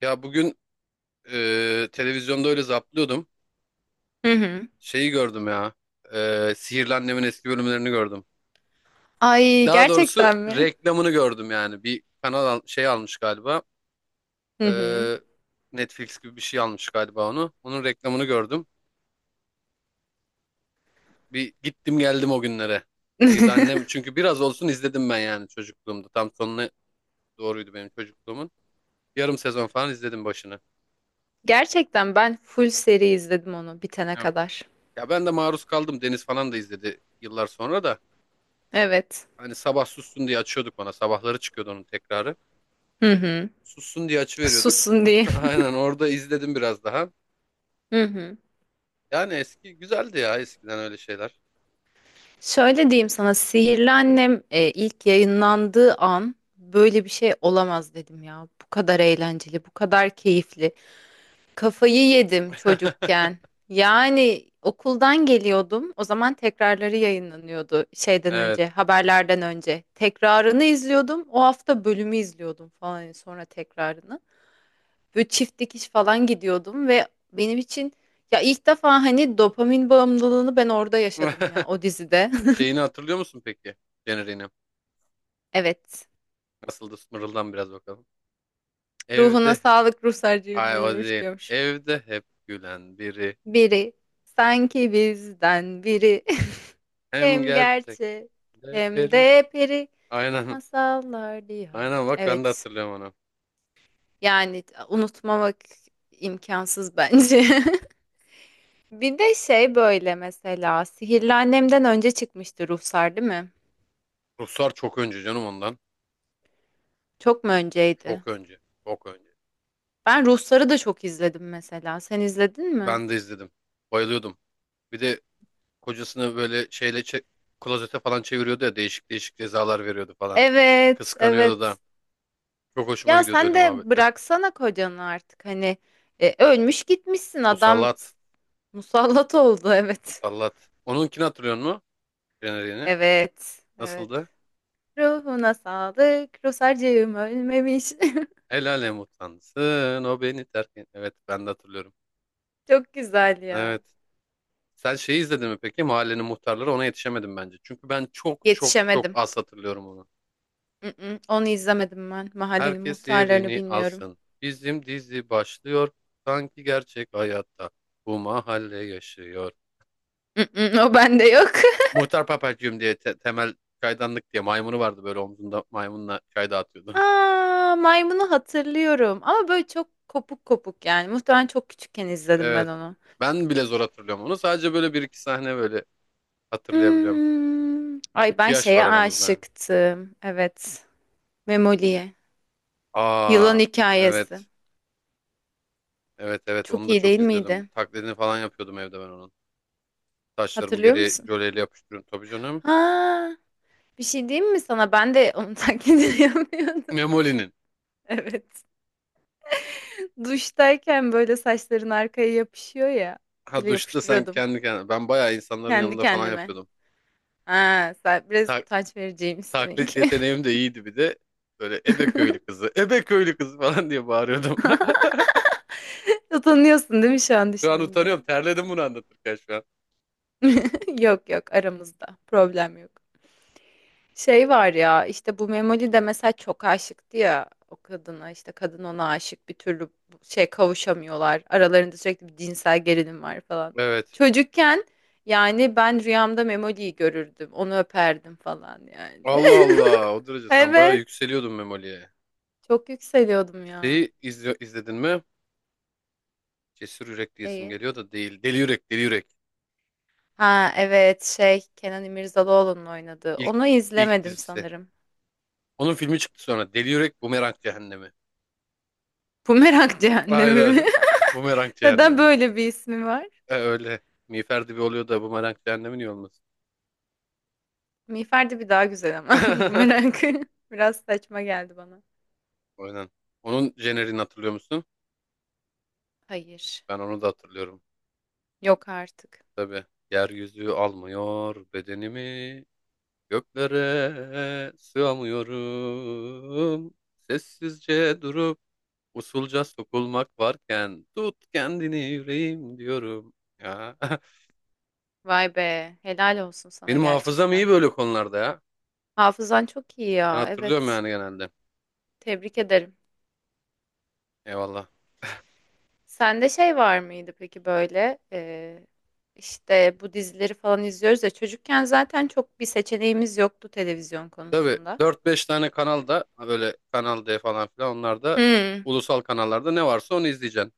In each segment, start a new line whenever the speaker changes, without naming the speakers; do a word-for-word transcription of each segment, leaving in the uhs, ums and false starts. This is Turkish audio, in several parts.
Ya bugün e, televizyonda öyle zaplıyordum.
Hı hı.
Şeyi gördüm ya. E, Sihirli Annem'in eski bölümlerini gördüm.
Ay
Daha doğrusu
gerçekten mi?
reklamını gördüm yani. Bir kanal al- şey almış galiba. E,
Hı hı.
Netflix gibi bir şey almış galiba onu. Onun reklamını gördüm. Bir gittim geldim o günlere. Sihirli Annem çünkü biraz olsun izledim ben yani çocukluğumda. Tam sonuna doğruydu benim çocukluğumun. Yarım sezon falan izledim başını.
Gerçekten ben full seri izledim onu bitene
Yok.
kadar.
Ya ben de maruz kaldım. Deniz falan da izledi yıllar sonra da.
Evet.
Hani sabah sussun diye açıyorduk bana. Sabahları çıkıyordu onun tekrarı.
Hı hı.
Sussun diye açıveriyorduk.
Sussun diye.
Aynen orada izledim biraz daha.
Hı hı.
Yani eski güzeldi ya, eskiden öyle şeyler.
Şöyle diyeyim sana Sihirli Annem e, ilk yayınlandığı an böyle bir şey olamaz dedim ya. Bu kadar eğlenceli, bu kadar keyifli. Kafayı yedim çocukken. Yani okuldan geliyordum. O zaman tekrarları yayınlanıyordu şeyden
Evet.
önce, haberlerden önce. Tekrarını izliyordum. O hafta bölümü izliyordum falan yani sonra tekrarını. Böyle çift dikiş falan gidiyordum ve benim için ya ilk defa hani dopamin bağımlılığını ben orada yaşadım ya o dizide.
Şeyini hatırlıyor musun peki? Jeneriğini.
Evet.
Nasıldı? Mırıldan biraz bakalım.
Ruhuna
Evde.
sağlık ruhsarcığım
Hayır, o
ölmüş
değil.
diyormuş.
Evde hep gülen biri.
Biri sanki bizden biri
Hem
hem
gerçek.
gerçek
De
hem
peri.
de peri.
Aynen.
Masallar diyor.
Aynen, bak ben de
Evet.
hatırlıyorum onu.
Yani unutmamak imkansız bence. Bir de şey böyle mesela Sihirli Annem'den önce çıkmıştı Ruhsar değil mi?
Ruslar çok önce canım ondan.
Çok mu önceydi?
Çok önce. Çok önce.
Ben Ruhsar'ı da çok izledim mesela. Sen izledin mi?
Ben de izledim. Bayılıyordum. Bir de kocasını böyle şeyle çe- klozete falan çeviriyordu ya, değişik değişik cezalar veriyordu falan.
Evet,
Kıskanıyordu da.
evet.
Çok hoşuma
Ya
gidiyordu
sen
öyle
de
muhabbetler.
bıraksana kocanı artık. Hani e, ölmüş gitmişsin adam
Musallat.
musallat oldu evet.
Musallat. Onunkini hatırlıyor musun? Jeneriğini.
Evet, evet.
Nasıldı?
Ruhuna sağlık. Ruhsarcığım ölmemiş.
El alem utansın o beni terk et. Evet, ben de hatırlıyorum.
Çok güzel ya.
Evet. Sen şeyi izledin mi peki? Mahallenin muhtarları, ona yetişemedim bence. Çünkü ben çok çok çok
Yetişemedim.
az hatırlıyorum onu.
Mm-mm, onu izlemedim ben. Mahallenin
Herkes
muhtarlarını
yerini
bilmiyorum.
alsın. Bizim dizi başlıyor. Sanki gerçek hayatta bu mahalle yaşıyor.
Mm-mm, o bende yok.
Muhtar Papacığım diye, te- temel çaydanlık diye maymunu vardı, böyle omzunda maymunla çay dağıtıyordu.
Aa, maymunu hatırlıyorum. Ama böyle çok kopuk kopuk yani. Muhtemelen çok küçükken izledim ben
Evet.
onu.
Ben bile zor hatırlıyorum onu. Sadece böyle bir iki sahne böyle hatırlayabiliyorum.
Hmm. Ay
İki
ben
yaş var
şeye
aramızda.
aşıktım. Evet. Memoli'ye. Yılan
Aa,
hikayesi.
evet. Evet, evet,
Çok
onu da
iyi
çok
değil
izliyordum.
miydi?
Taklidini falan yapıyordum evde ben onun. Taşlarımı
Hatırlıyor
geriye
musun?
jöleyle yapıştırıyorum tabii canım.
Ha, bir şey diyeyim mi sana? Ben de onu taklidini yapıyordum.
Memoli'nin.
Evet. Duştayken böyle saçların arkaya yapışıyor ya.
Ha,
Böyle
duşta sen
yapıştırıyordum
kendi kendine. Ben bayağı insanların
kendi
yanında falan
kendime.
yapıyordum.
Ha, sen biraz
Tak
utanç vereceğim
Taklit
seninki.
yeteneğim de iyiydi bir de. Böyle Ebe köylü kızı, Ebe köylü kızı falan diye bağırıyordum.
Utanıyorsun değil mi şu an
Şu an
düşününce?
utanıyorum. Terledim bunu anlatırken şu an.
Yok yok aramızda. Problem yok. Şey var ya işte bu Memoli de mesela çok aşıktı ya o kadına işte kadın ona aşık bir türlü bu- şey kavuşamıyorlar. Aralarında sürekli bir cinsel gerilim var falan.
Evet.
Çocukken yani ben rüyamda Memoli'yi görürdüm. Onu öperdim falan yani.
Allah Allah. O derece sen bayağı
Evet.
yükseliyordun Memoli'ye.
Çok yükseliyordum ya.
Şeyi izle- izledin mi? Cesur Yürek diyesim
Neyi?
geliyor da, değil. Deli Yürek, Deli Yürek.
Ha evet şey Kenan İmirzalıoğlu'nun oynadığı.
İlk,
Onu
ilk
izlemedim
dizisi.
sanırım.
Onun filmi çıktı sonra. Deli Yürek, Bumerang Cehennemi.
Bumerang Cehennemi mi?
Aynen. Bumerang
Neden
Cehennemi.
böyle bir ismi var?
E, öyle. Miğfer dibi oluyor da Bumerang Cehennemi niye olmasın?
Miğfer bir daha güzel ama bu merak biraz saçma geldi bana.
Aynen. Onun jenerini hatırlıyor musun?
Hayır.
Ben onu da hatırlıyorum.
Yok artık.
Tabii. Yeryüzü almıyor bedenimi. Göklere sığamıyorum. Sessizce durup usulca sokulmak varken, tut kendini yüreğim diyorum. Ya,
Vay be. Helal olsun sana
benim hafızam iyi
gerçekten.
böyle konularda ya.
Hafızan çok iyi
Ben
ya.
hatırlıyorum
Evet.
yani genelde.
Tebrik ederim.
Eyvallah.
Sende şey var mıydı peki böyle e, işte bu dizileri falan izliyoruz ya çocukken zaten çok bir seçeneğimiz yoktu televizyon
Tabii
konusunda.
dört beş tane kanalda, böyle Kanal D falan filan, onlarda
Hmm.
ulusal kanallarda ne varsa onu izleyeceksin.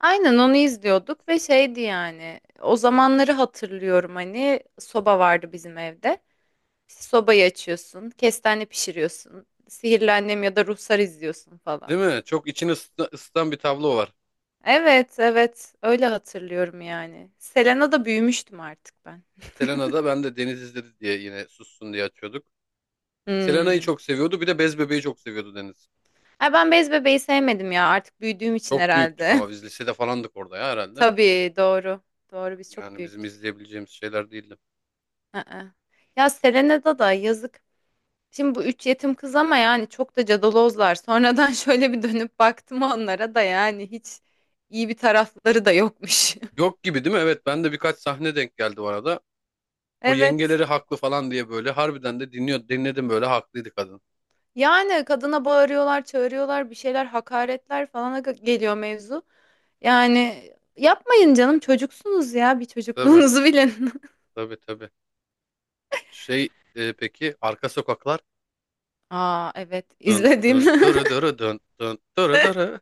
Aynen onu izliyorduk ve şeydi yani o zamanları hatırlıyorum hani soba vardı bizim evde. Sobayı açıyorsun, kestane pişiriyorsun, sihirli annem ya da ruhsar izliyorsun
Değil
falan.
mi? Çok içini ısıta- ısıtan bir tablo var.
Evet, evet, öyle hatırlıyorum yani. Selena'da büyümüştüm artık ben.
Selena'da ben de Deniz izledi diye yine sussun diye açıyorduk. Selena'yı
Hmm.
çok seviyordu. Bir de Bez Bebe'yi çok seviyordu Deniz.
Ay ben Bez Bebeği sevmedim ya artık büyüdüğüm için
Çok büyüktük
herhalde.
ama biz, lisede falandık orada ya herhalde.
Tabii doğru. Doğru biz çok
Yani bizim
büyüktük.
izleyebileceğimiz şeyler değildi.
Aa. Ya Selena'da da yazık. Şimdi bu üç yetim kız ama yani çok da cadalozlar. Sonradan şöyle bir dönüp baktım onlara da yani hiç iyi bir tarafları da yokmuş.
Yok gibi, değil mi? Evet, ben de birkaç sahne denk geldi bu arada. O
Evet.
yengeleri haklı falan diye, böyle harbiden de dinliyor dinledim, böyle haklıydı kadın.
Yani kadına bağırıyorlar, çağırıyorlar, bir şeyler hakaretler falana ge- geliyor mevzu. Yani yapmayın canım çocuksunuz ya bir
Tabii,
çocukluğunuzu bilin.
tabii tabii. Şey e, peki, arka sokaklar
Aa evet
dın dın
izledim.
dırı dırı dın dın dırı dırı.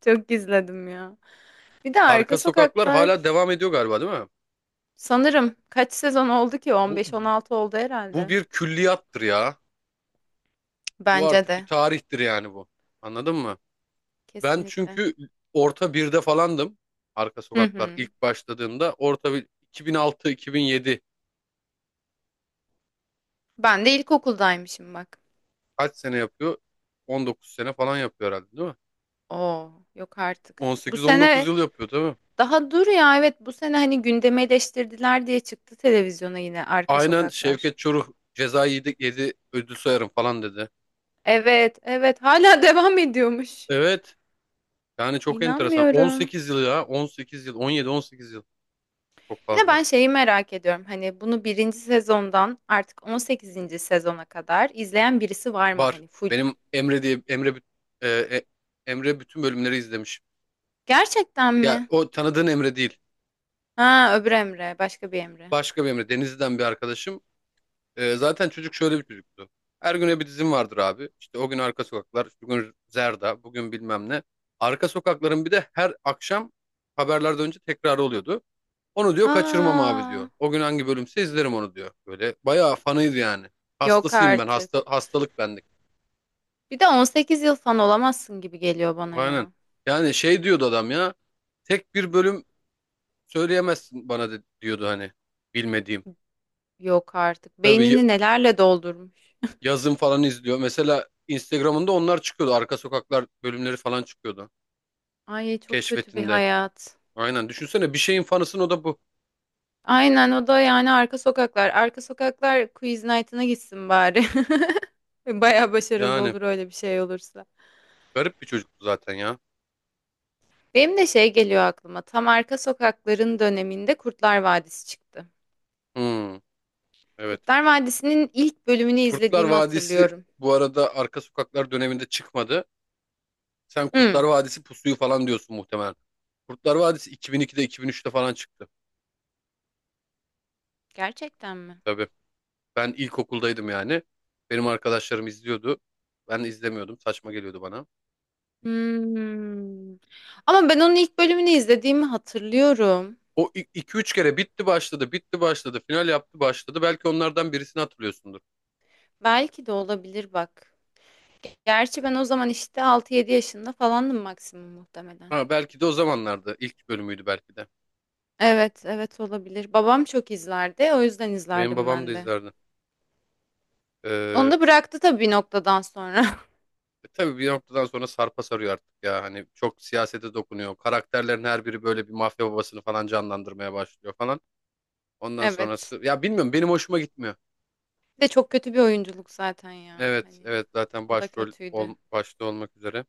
Çok izledim ya. Bir de Arka
Arka Sokaklar hala
Sokaklar
devam ediyor galiba, değil mi?
sanırım kaç sezon oldu ki?
Bu
on beş on altı oldu
bu
herhalde.
bir külliyattır ya. Bu
Bence
artık bir
de
tarihtir yani bu. Anladın mı? Ben
kesinlikle.
çünkü orta birde falandım. Arka
Hı
Sokaklar
hı.
ilk başladığında orta bir. iki bin altı-iki bin yedi,
Ben de ilkokuldaymışım bak.
kaç sene yapıyor? on dokuz sene falan yapıyor herhalde, değil mi?
Oo yok artık. Bu
on sekiz on dokuz
sene
yıl yapıyor değil mi?
daha dur ya, evet bu sene hani gündeme eleştirdiler diye çıktı televizyona yine Arka
Aynen,
Sokaklar.
Şevket Çoruh ceza yedi, yedi ödül sayarım falan dedi.
Evet evet hala devam ediyormuş.
Evet, yani çok enteresan.
İnanmıyorum.
on sekiz yıl ya, on sekiz yıl, on yedi on sekiz yıl, çok
Bir de
fazla.
ben şeyi merak ediyorum hani bunu birinci sezondan artık on sekizinci sezona kadar izleyen birisi var mı
Var.
hani full?
Benim Emre diye, Emre Büt- e, e, Emre bütün bölümleri izlemiş.
Gerçekten
Ya,
mi?
o tanıdığın Emre değil.
Ha öbür Emre başka bir Emre.
Başka bir Emre. Denizli'den bir arkadaşım. Ee, zaten çocuk şöyle bir çocuktu. Her güne bir dizim vardır abi. İşte o gün Arka Sokaklar, bugün Zerda, bugün bilmem ne. Arka Sokaklar'ın bir de her akşam haberlerden önce tekrarı oluyordu. Onu diyor kaçırmam abi
Aa,
diyor. O gün hangi bölümse izlerim onu diyor. Böyle bayağı fanıydı yani.
yok
Hastasıyım ben. Hasta,
artık.
hastalık bendik.
Bir de on sekiz yıl fan olamazsın gibi geliyor bana
Aynen.
ya.
Yani şey diyordu adam ya. Tek bir bölüm söyleyemezsin bana de- diyordu hani. Bilmediğim.
Yok artık.
Tabii y-
Beynini nelerle doldurmuş.
yazın falan izliyor. Mesela Instagram'ında onlar çıkıyordu. Arka Sokaklar bölümleri falan çıkıyordu,
Ay çok kötü bir
keşfetinde.
hayat.
Aynen. Düşünsene bir şeyin fanısın, o da bu.
Aynen o da yani arka sokaklar. Arka sokaklar quiz night'ına gitsin bari. Baya başarılı
Yani
olur öyle bir şey olursa.
garip bir çocuktu zaten ya.
Benim de şey geliyor aklıma. Tam arka sokakların döneminde Kurtlar Vadisi çıktı.
Hmm, evet.
Kurtlar Vadisi'nin ilk bölümünü
Kurtlar
izlediğimi
Vadisi
hatırlıyorum.
bu arada Arka Sokaklar döneminde çıkmadı. Sen
Hmm,
Kurtlar Vadisi Pusu'yu falan diyorsun muhtemelen. Kurtlar Vadisi iki bin ikide, iki bin üçte falan çıktı.
gerçekten mi?
Tabii. Ben ilkokuldaydım yani. Benim arkadaşlarım izliyordu. Ben izlemiyordum. Saçma geliyordu bana.
Hmm. Ama ben onun ilk bölümünü izlediğimi hatırlıyorum.
O iki üç kere bitti başladı, bitti başladı, final yaptı başladı. Belki onlardan birisini hatırlıyorsundur.
Belki de olabilir bak. Gerçi ben o zaman işte altı yedi yaşında falandım maksimum muhtemelen.
Ha, belki de o zamanlarda ilk bölümüydü belki de.
Evet, evet olabilir. Babam çok izlerdi. O yüzden
Benim
izlerdim
babam da
ben de.
izlerdi.
Onu
Ee,
da bıraktı tabii bir noktadan sonra.
e, tabii bir noktadan sonra sarpa sarıyor artık ya. Hani çok siyasete dokunuyor. Karakterlerin her biri böyle bir mafya babasını falan canlandırmaya başlıyor falan. Ondan
Evet.
sonrası ya, bilmiyorum, benim hoşuma gitmiyor.
Bir de çok kötü bir oyunculuk zaten ya.
Evet,
Hani
evet, zaten
o da
başrol
kötüydü.
ol, başta olmak üzere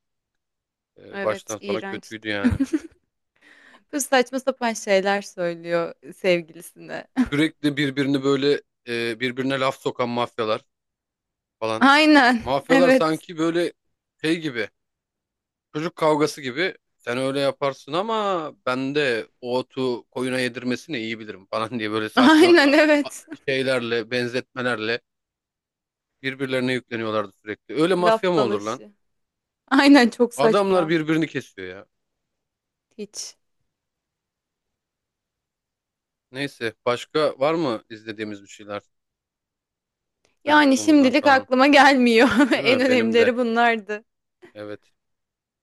e,
Evet,
baştan sonra kötüydü
iğrençti.
yani.
Kız saçma sapan şeyler söylüyor sevgilisine.
Sürekli birbirini böyle e, birbirine laf sokan mafyalar falan.
Aynen.
Mafyalar
Evet.
sanki böyle şey gibi, çocuk kavgası gibi, sen öyle yaparsın ama ben de o otu koyuna yedirmesini iyi bilirim falan diye, böyle saçma
Aynen
ya-
evet.
şeylerle, benzetmelerle birbirlerine yükleniyorlardı sürekli. Öyle mafya
Laf
mı olur lan?
dalaşı. Aynen çok
Adamlar
saçma.
birbirini kesiyor ya.
Hiç.
Neyse, başka var mı izlediğimiz bir şeyler
Yani
çocukluğumuzdan
şimdilik
kalan?
aklıma gelmiyor.
Değil
En
mi? Benim de.
önemlileri bunlardı.
Evet.